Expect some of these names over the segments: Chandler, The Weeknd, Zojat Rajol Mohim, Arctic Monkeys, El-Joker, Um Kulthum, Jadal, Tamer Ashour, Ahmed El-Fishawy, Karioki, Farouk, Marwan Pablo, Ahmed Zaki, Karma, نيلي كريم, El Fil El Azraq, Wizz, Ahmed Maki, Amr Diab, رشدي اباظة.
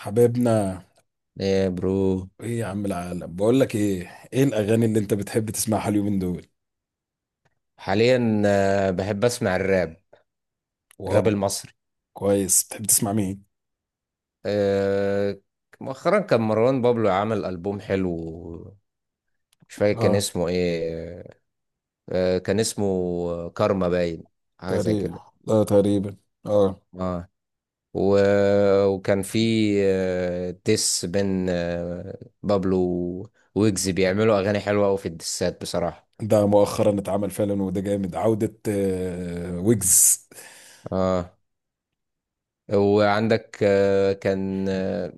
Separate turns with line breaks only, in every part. حبايبنا،
ايه برو.
ايه يا عم؟ العالم بقول لك ايه؟ ايه الاغاني اللي انت بتحب تسمعها اليومين دول؟
حاليا، بحب اسمع الراب. الراب
واو.
المصري.
كويس، بتحب تسمع مين؟
آه، مؤخرا كان مروان بابلو عمل ألبوم حلو. مش فاكر كان
اه
اسمه ايه. كان اسمه كارما باين، حاجة زي
تقريبا.
كده.
اه تقريبا. اه،
اه. و... وكان في ديس بين بابلو ويجز بيعملوا أغاني حلوة أوي في الديسات بصراحة.
ده مؤخرا اتعمل فعلا، وده جامد عودة ويجز.
اه. وعندك كان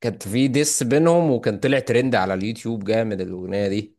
كانت في ديس بينهم، وكان طلع ترند على اليوتيوب جامد الاغنيه دي.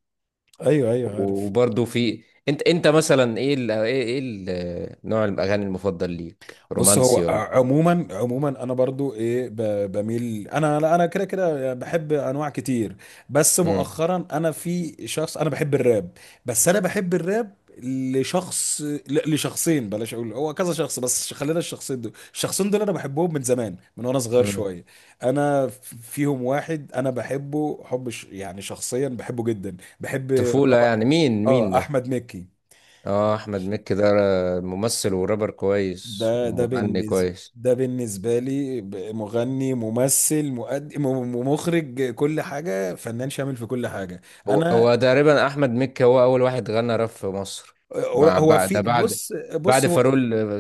ايوه ايوه عارف.
وبرضه في، انت مثلا، ايه ال... ايه ايه ال... نوع الاغاني المفضل ليك،
بص،
رومانسي
هو
ولا ايه؟
عموما عموما انا برضو ايه، بميل. انا لا، انا كده كده بحب انواع كتير. بس
امم
مؤخرا انا في شخص، انا بحب الراب. بس انا بحب الراب لشخص، لشخصين. بلاش اقول هو كذا شخص، بس خلينا الشخصين دول. الشخصين دول انا بحبهم من زمان، من وانا صغير
امم
شويه. انا فيهم واحد انا بحبه حب، يعني شخصيا بحبه جدا، بحب
طفوله
الرابر.
يعني، مين
اه،
ده؟
احمد مكي.
اه، احمد مكي ده ممثل ورابر كويس
ده
ومغني
بالنسبة،
كويس.
ده بالنسبة لي مغني، ممثل، مؤدي، مخرج، كل حاجة، فنان شامل في كل حاجة.
هو
أنا.
هو تقريبا احمد مكي هو اول واحد غنى راب في مصر، مع
هو
بعد ده،
في
بعد
بص بص
بعد
هو
فاروق.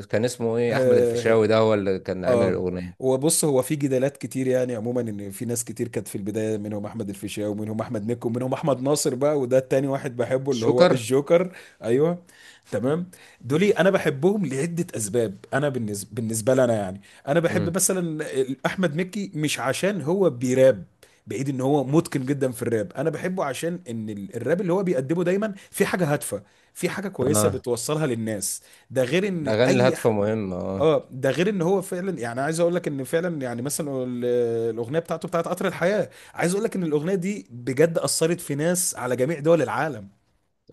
كان اسمه ايه، احمد
آه.
الفيشاوي ده هو اللي كان عامل
اه،
الاغنيه.
وبص، هو في جدالات كتير يعني، عموما ان في ناس كتير كانت في البدايه، منهم احمد الفيشاوي ومنهم احمد مكي ومنهم احمد ناصر بقى، وده التاني واحد بحبه اللي هو
شكر.
الجوكر. ايوه. تمام. دولي انا بحبهم لعده اسباب، انا بالنسبه لنا يعني. انا بحب
امم.
مثلا احمد مكي، مش عشان هو بيراب، بعيد ان هو متقن جدا في الراب، انا بحبه عشان ان الراب اللي هو بيقدمه دايما في حاجه هادفه، في حاجه كويسه
اه،
بتوصلها للناس. ده غير ان
الأغاني
اي،
الهادفة مهمة، اه.
اه، ده غير ان هو فعلا يعني، عايز اقول لك ان فعلا يعني مثلا الاغنيه بتاعته، بتاعت قطر الحياه، عايز اقول لك ان الاغنيه دي بجد اثرت في ناس على جميع دول العالم.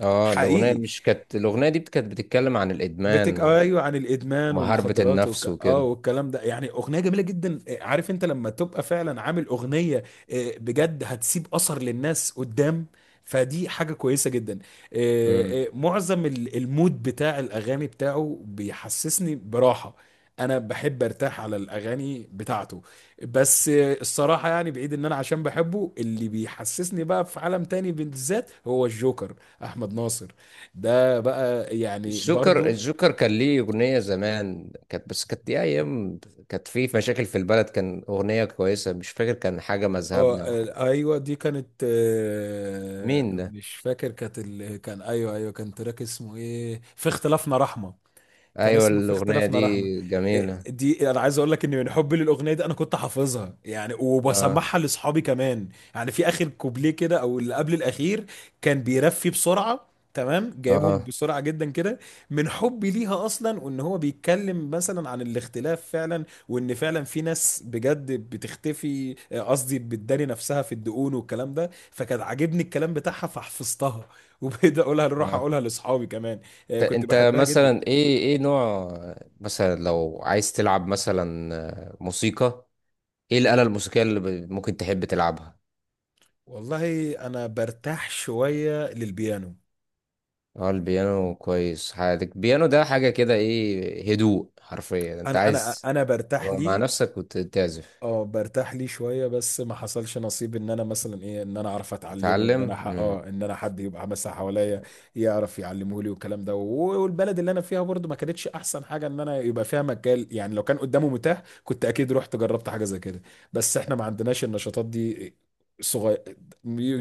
اه، الأغنية
حقيقي.
مش كانت، الأغنية دي كانت بتتكلم عن الإدمان
ايوه، عن الادمان
ومحاربة
والمخدرات
النفس
اه،
وكده.
والكلام ده، يعني اغنيه جميله جدا. عارف انت لما تبقى فعلا عامل اغنيه، بجد هتسيب اثر للناس قدام، فدي حاجه كويسه جدا.
مم.
معظم المود بتاع الاغاني بتاعه بيحسسني براحه. انا بحب ارتاح على الاغاني بتاعته. بس الصراحه يعني، بعيد ان انا عشان بحبه، اللي بيحسسني بقى في عالم تاني بالذات هو الجوكر، احمد ناصر. ده بقى يعني
الجوكر
برضو.
الجوكر كان ليه أغنية زمان، كانت بس كانت دي أيام كانت في مشاكل في البلد. كان أغنية كويسة، مش فاكر، كان حاجة
اه،
مذهبنا أو حاجة.
ايوه دي كانت،
مين ده؟
مش فاكر، كانت كان، ايوه ايوه، كان تراك اسمه ايه، في اختلافنا رحمة. كان
أيوة،
اسمه في
الأغنية
اختلافنا
دي
رحمه. إيه،
جميلة.
دي انا عايز اقول لك ان من حبي للاغنيه دي انا كنت حافظها يعني،
اه،
وبسمعها لاصحابي كمان. يعني في اخر كوبليه كده او اللي قبل الاخير كان بيرفي بسرعه، تمام جايبهم
اه،
بسرعه جدا كده، من حبي ليها اصلا، وان هو بيتكلم مثلا عن الاختلاف فعلا، وان فعلا في ناس بجد بتختفي، قصدي بتداري نفسها في الدقون والكلام ده، فكان عاجبني الكلام بتاعها فحفظتها وبقيت اقولها، اروح
اه.
اقولها لاصحابي كمان. كنت
انت
بحبها جدا.
مثلا ايه نوع، مثلا لو عايز تلعب مثلا موسيقى، ايه الآلة الموسيقية اللي ممكن تحب تلعبها؟
والله انا برتاح شويه للبيانو.
اه، البيانو كويس. حياتك البيانو ده حاجة كده، ايه، هدوء حرفيا، انت
انا انا
عايز
انا برتاح
تبقى مع
ليه.
نفسك وتعزف.
اه برتاح ليه شويه، بس ما حصلش نصيب ان انا مثلا ايه، ان انا اعرف اتعلمه، ان انا
تتعلم.
اه، ان انا حد يبقى مثلا حواليا يعرف يعلمه لي والكلام ده، والبلد اللي انا فيها برضو ما كانتش احسن حاجه، ان انا يبقى فيها مجال يعني. لو كان قدامه متاح كنت اكيد رحت جربت حاجه زي كده، بس احنا ما عندناش النشاطات دي. صغير.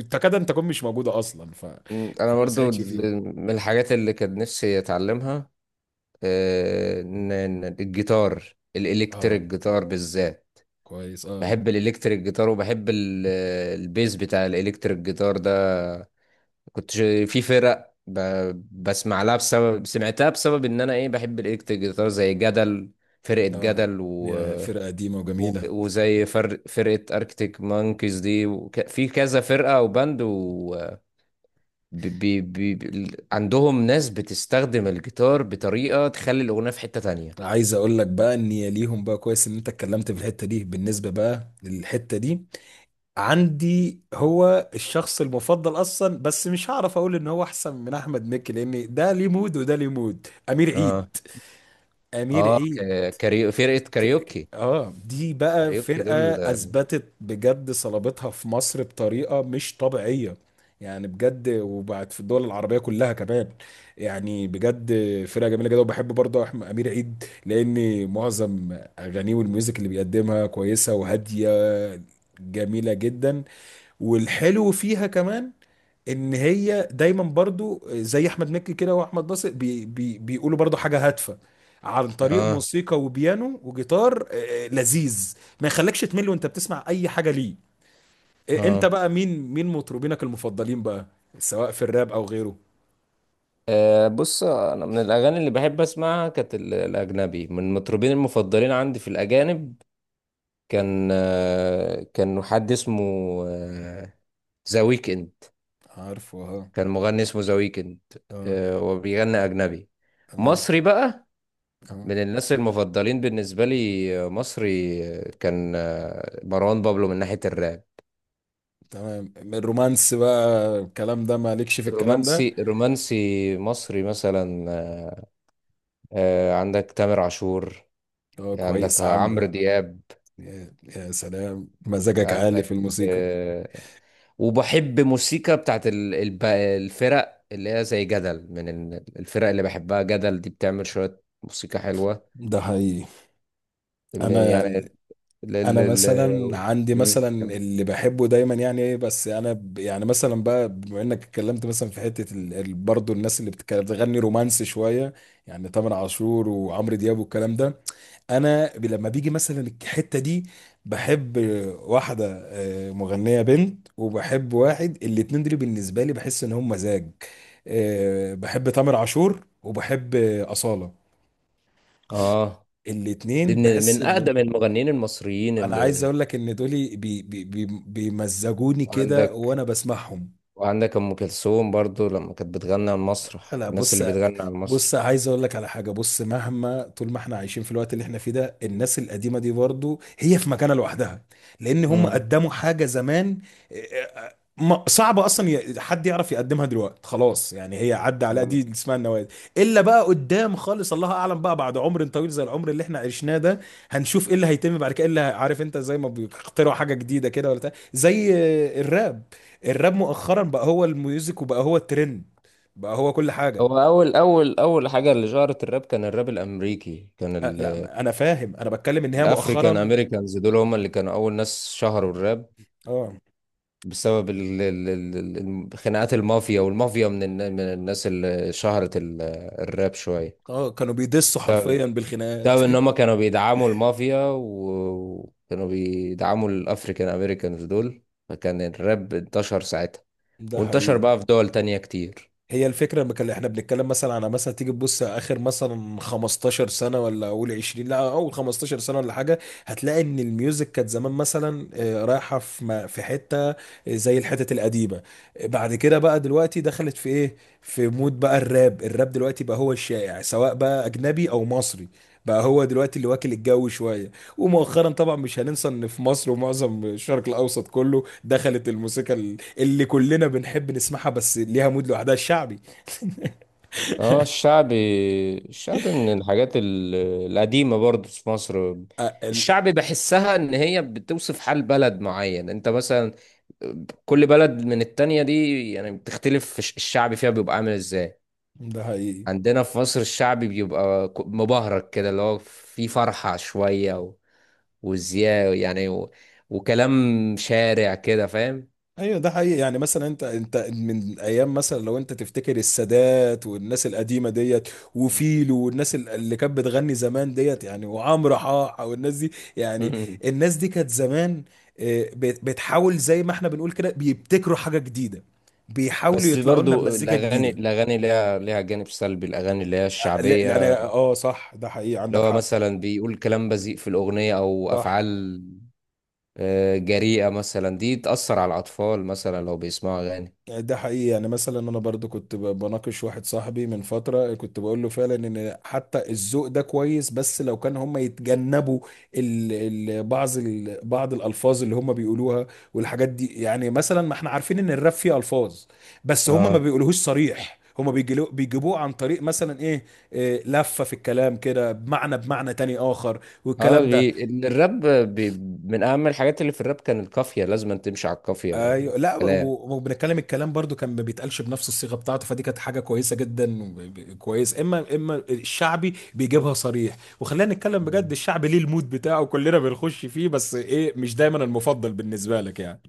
تكاد ان تكون مش موجوده اصلا،
انا
فما
برضو،
ساعدش فيها.
من الحاجات اللي كان نفسي اتعلمها، آه، إن- إن الجيتار
اه
الالكتريك جيتار بالذات.
كويس. اه،
بحب الالكتريك جيتار، وبحب البيز بتاع الالكتريك جيتار ده. كنت ش- في فرق بسمع لها، بسبب سمعتها، بسبب ان انا ايه بحب الالكتريك جيتار زي جدل، فرقة
اه،
جدل،
يا فرقة قديمة وجميلة.
وزي فرقة اركتيك مانكيز دي، في كذا فرقة او باند، عندهم ناس بتستخدم الجيتار بطريقة تخلي الاغنية في حتة تانية.
عايز اقول لك بقى ان يا ليهم بقى، كويس ان انت اتكلمت في الحتة دي، بالنسبة بقى للحتة دي عندي هو الشخص المفضل اصلا، بس مش هعرف اقول ان هو احسن من احمد مكي، لان ده ليه مود وده ليه مود. امير
اه،
عيد. امير
اه.
عيد.
فرقة كاريوكي،
اه، دي بقى
كاريوكي
فرقة
دول.
اثبتت بجد صلابتها في مصر بطريقة مش طبيعية، يعني بجد، وبعد في الدول العربية كلها كمان، يعني بجد. فرقة جميلة جدا. وبحب برضه أحمد أمير عيد، لأن معظم أغانيه والميوزك اللي بيقدمها كويسة وهادية، جميلة جدا. والحلو فيها كمان، ان هي دايما برضو زي احمد مكي كده واحمد ناصر، بي بي بيقولوا برضو حاجه هادفه، عن طريق
اه،
موسيقى وبيانو وجيتار لذيذ، ما يخليكش تمل وانت بتسمع اي حاجه ليه. انت
اه.
بقى مين مين مطربينك المفضلين بقى، سواء في الراب او غيره؟
بص، انا من الاغاني اللي بحب اسمعها كانت الاجنبي، من المطربين المفضلين عندي في الاجانب كان، كان حد اسمه آه، ذا ويكند.
عارفه، اه.
كان مغني اسمه ذا ويكند،
اه
أه، وبيغني اجنبي.
تمام.
مصري بقى
اه
من الناس المفضلين بالنسبه لي، مصري، كان مروان بابلو من ناحيه الراب.
تمام الرومانس بقى، الكلام ده مالكش في الكلام ده.
رومانسي، رومانسي مصري مثلا، عندك تامر عاشور،
اه
عندك
كويس يا
عمرو
عم.
دياب،
يا يا سلام، مزاجك عالي في
عندك،
الموسيقى.
وبحب موسيقى بتاعت الفرق اللي هي زي جدل، من الفرق اللي بحبها، جدل دي بتعمل شوية موسيقى حلوة،
ده حقيقي. انا
يعني ال
انا
ال
مثلا
ال
عندي
مم.
مثلا
كم-
اللي بحبه دايما يعني ايه، بس انا يعني مثلا بقى، بما انك اتكلمت مثلا في حته برضه الناس اللي بتغني رومانسي شويه، يعني تامر عاشور وعمرو دياب والكلام ده، انا لما بيجي مثلا الحته دي بحب واحده، مغنيه بنت، وبحب واحد. الاتنين دول بالنسبه لي بحس ان هم مزاج. بحب تامر عاشور وبحب اصاله.
اه، دي
الاتنين
من
بحس
من
ان،
أقدم المغنيين المصريين
انا عايز
اللي،
اقول لك ان دول بي بي بي بيمزجوني كده
وعندك
وانا بسمعهم.
وعندك أم كلثوم برضو لما كانت بتغني على المسرح،
لا
الناس
بص،
اللي بتغني على المسرح.
بص عايز اقول لك على حاجه. بص، مهما طول ما احنا عايشين في الوقت اللي احنا فيه ده، الناس القديمه دي برضو هي في مكانه لوحدها، لان هم
مم.
قدموا حاجه زمان، صعب اصلا حد يعرف يقدمها دلوقتي، خلاص يعني هي عدى على
تمام.
دي، اسمها النوادي. الا بقى قدام خالص الله اعلم، بقى بعد عمر طويل زي العمر اللي احنا عشناه ده هنشوف ايه اللي هيتم بعد كده، إيه اللي عارف انت زي ما بيخترعوا حاجه جديده كده ولا بتاع، زي الراب. الراب مؤخرا بقى هو الميوزك، وبقى هو الترند، بقى هو كل حاجه.
هو أول حاجة اللي شهرت الراب كان الراب الأمريكي، كان
أه لا، انا فاهم، انا بتكلم ان هي
الافريكان
مؤخرا.
امريكانز دول هم اللي كانوا اول ناس شهروا الراب،
اه،
بسبب خناقات المافيا، والمافيا من من الناس اللي شهرت الراب شويه،
اه كانوا بيدسوا
بسبب
حرفيا بالخناقات.
بسبب ان هم كانوا بيدعموا المافيا، وكانوا بيدعموا الافريكان امريكانز دول، فكان الراب انتشر ساعتها
ده
وانتشر
حقيقي.
بقى في دول تانية كتير.
هي الفكرة اللي احنا بنتكلم مثلا على، مثلا تيجي تبص اخر مثلا 15 سنة ولا اول 20، لا اول 15 سنة ولا حاجة، هتلاقي ان الميوزك كانت زمان مثلا رايحة في في حتة زي الحتت القديمة. بعد كده بقى دلوقتي دخلت في ايه، في مود بقى الراب. الراب دلوقتي بقى هو الشائع سواء بقى اجنبي او مصري، بقى هو دلوقتي اللي واكل الجو شوية. ومؤخرا طبعا مش هننسى ان في مصر ومعظم الشرق الاوسط كله دخلت الموسيقى اللي كلنا بنحب نسمعها، بس ليها مود لوحدها، الشعبي.
اه، الشعبي. الشعبي من الحاجات القديمة برضو في مصر.
آه، ال-
الشعبي بحسها ان هي بتوصف حال بلد معين. انت مثلا كل بلد من التانية دي يعني بتختلف، في الشعبي فيها بيبقى عامل ازاي.
ده حقيقي.
عندنا في مصر الشعبي بيبقى مبهرج كده، اللي هو فيه فرحة شوية وزياء يعني، وكلام شارع كده، فاهم؟
ايوه ده حقيقي، يعني مثلا انت انت من ايام مثلا لو انت تفتكر السادات والناس القديمه ديت، وفيلو والناس اللي كانت بتغني زمان ديت يعني، وعمرو حاحه والناس دي يعني،
مم.
الناس دي كانت زمان، بتحاول زي ما احنا بنقول كده، بيبتكروا حاجه جديده، بيحاولوا
بس
يطلعوا لنا
برضو
بمزيكا
الأغاني
جديده.
الأغاني ليها جانب سلبي. الأغاني اللي هي
لا لا،
الشعبية،
انا اه صح، ده حقيقي،
اللي
عندك
هو
حق.
مثلا بيقول كلام بذيء في الأغنية أو
صح
أفعال جريئة مثلا، دي تأثر على الأطفال مثلا لو بيسمعوا أغاني.
يعني، ده حقيقي، يعني مثلا انا برضو كنت بناقش واحد صاحبي من فترة، كنت بقول له فعلا ان حتى الذوق ده كويس، بس لو كان هم يتجنبوا ال ال بعض بعض الالفاظ اللي هم بيقولوها والحاجات دي. يعني مثلا ما احنا عارفين ان الراب فيه الفاظ، بس هم ما
اه،
بيقولوهوش صريح، هم بيجيبوه عن طريق مثلا ايه، إيه لفة في الكلام كده، بمعنى بمعنى تاني اخر
اه،
والكلام ده.
الراب بي... من أهم الحاجات اللي في الراب كان القافية، لازم أن تمشي على القافية بقى
ايوه، لا
الكلام.
وبنتكلم الكلام برضو كان ما بيتقالش بنفس الصيغه بتاعته، فدي كانت حاجه كويسه جدا كويس. اما الشعبي بيجيبها صريح، وخلينا نتكلم بجد،
مم.
الشعبي ليه المود بتاعه كلنا بنخش فيه، بس ايه مش دايما المفضل بالنسبه لك يعني.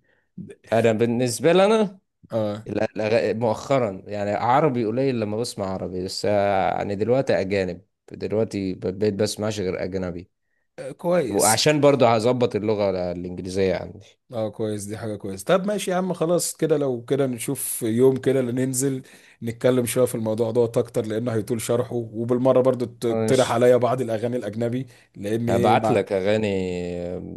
أنا بالنسبة لي، أنا
اه
مؤخرا يعني عربي قليل، لما بسمع عربي بس، يعني دلوقتي أجانب، دلوقتي بقيت بسمعش غير أجنبي،
كويس.
وعشان برضه هظبط اللغة الإنجليزية عندي.
اه كويس، دي حاجة كويس. طب ماشي يا عم، خلاص كده. لو كده نشوف يوم كده اللي ننزل نتكلم شوية في الموضوع دوت اكتر، لانه هيطول شرحه، وبالمرة برضو تقترح
ماشي،
عليا بعض الاغاني الاجنبي، لان ايه
ابعت
مع.
لك اغاني.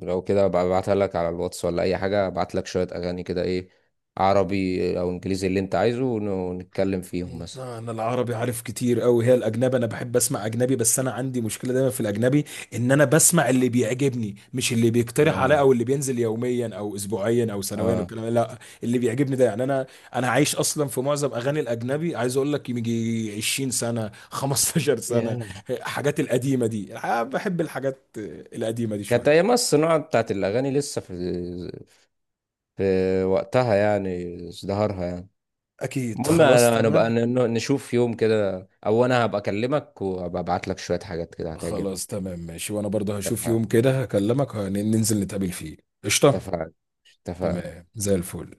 لو كده أبقى ابعتها لك على الواتس ولا اي حاجه، ابعت لك شويه اغاني كده، ايه، عربي او انجليزي اللي انت عايزه، ونتكلم فيهم مثلا.
لا، انا العربي عارف كتير قوي، هي الاجنبي. انا بحب اسمع اجنبي، بس انا عندي مشكله دايما في الاجنبي، ان انا بسمع اللي بيعجبني، مش اللي بيقترح عليا
آه.
او اللي بينزل يوميا او اسبوعيا او سنويا
اه،
والكلام ده. لا اللي بيعجبني ده، يعني انا، انا عايش اصلا في معظم اغاني الاجنبي. عايز اقول لك يجي 20 سنه 15
ياه،
سنه، الحاجات القديمه دي، بحب الحاجات القديمه دي
كانت
شويه.
ايام الصناعه بتاعت الاغاني لسه في وقتها يعني، ازدهارها يعني.
اكيد
المهم،
خلاص
انا نبقى
تمام.
نشوف يوم كده، او انا هبقى اكلمك وهبقى ابعت لك شويه حاجات كده
خلاص
هتعجبك.
تمام ماشي، وانا برضه هشوف يوم
اتفقنا،
كده هكلمك، ننزل نتقابل فيه. قشطه.
اتفقنا، اتفقنا.
تمام زي الفل.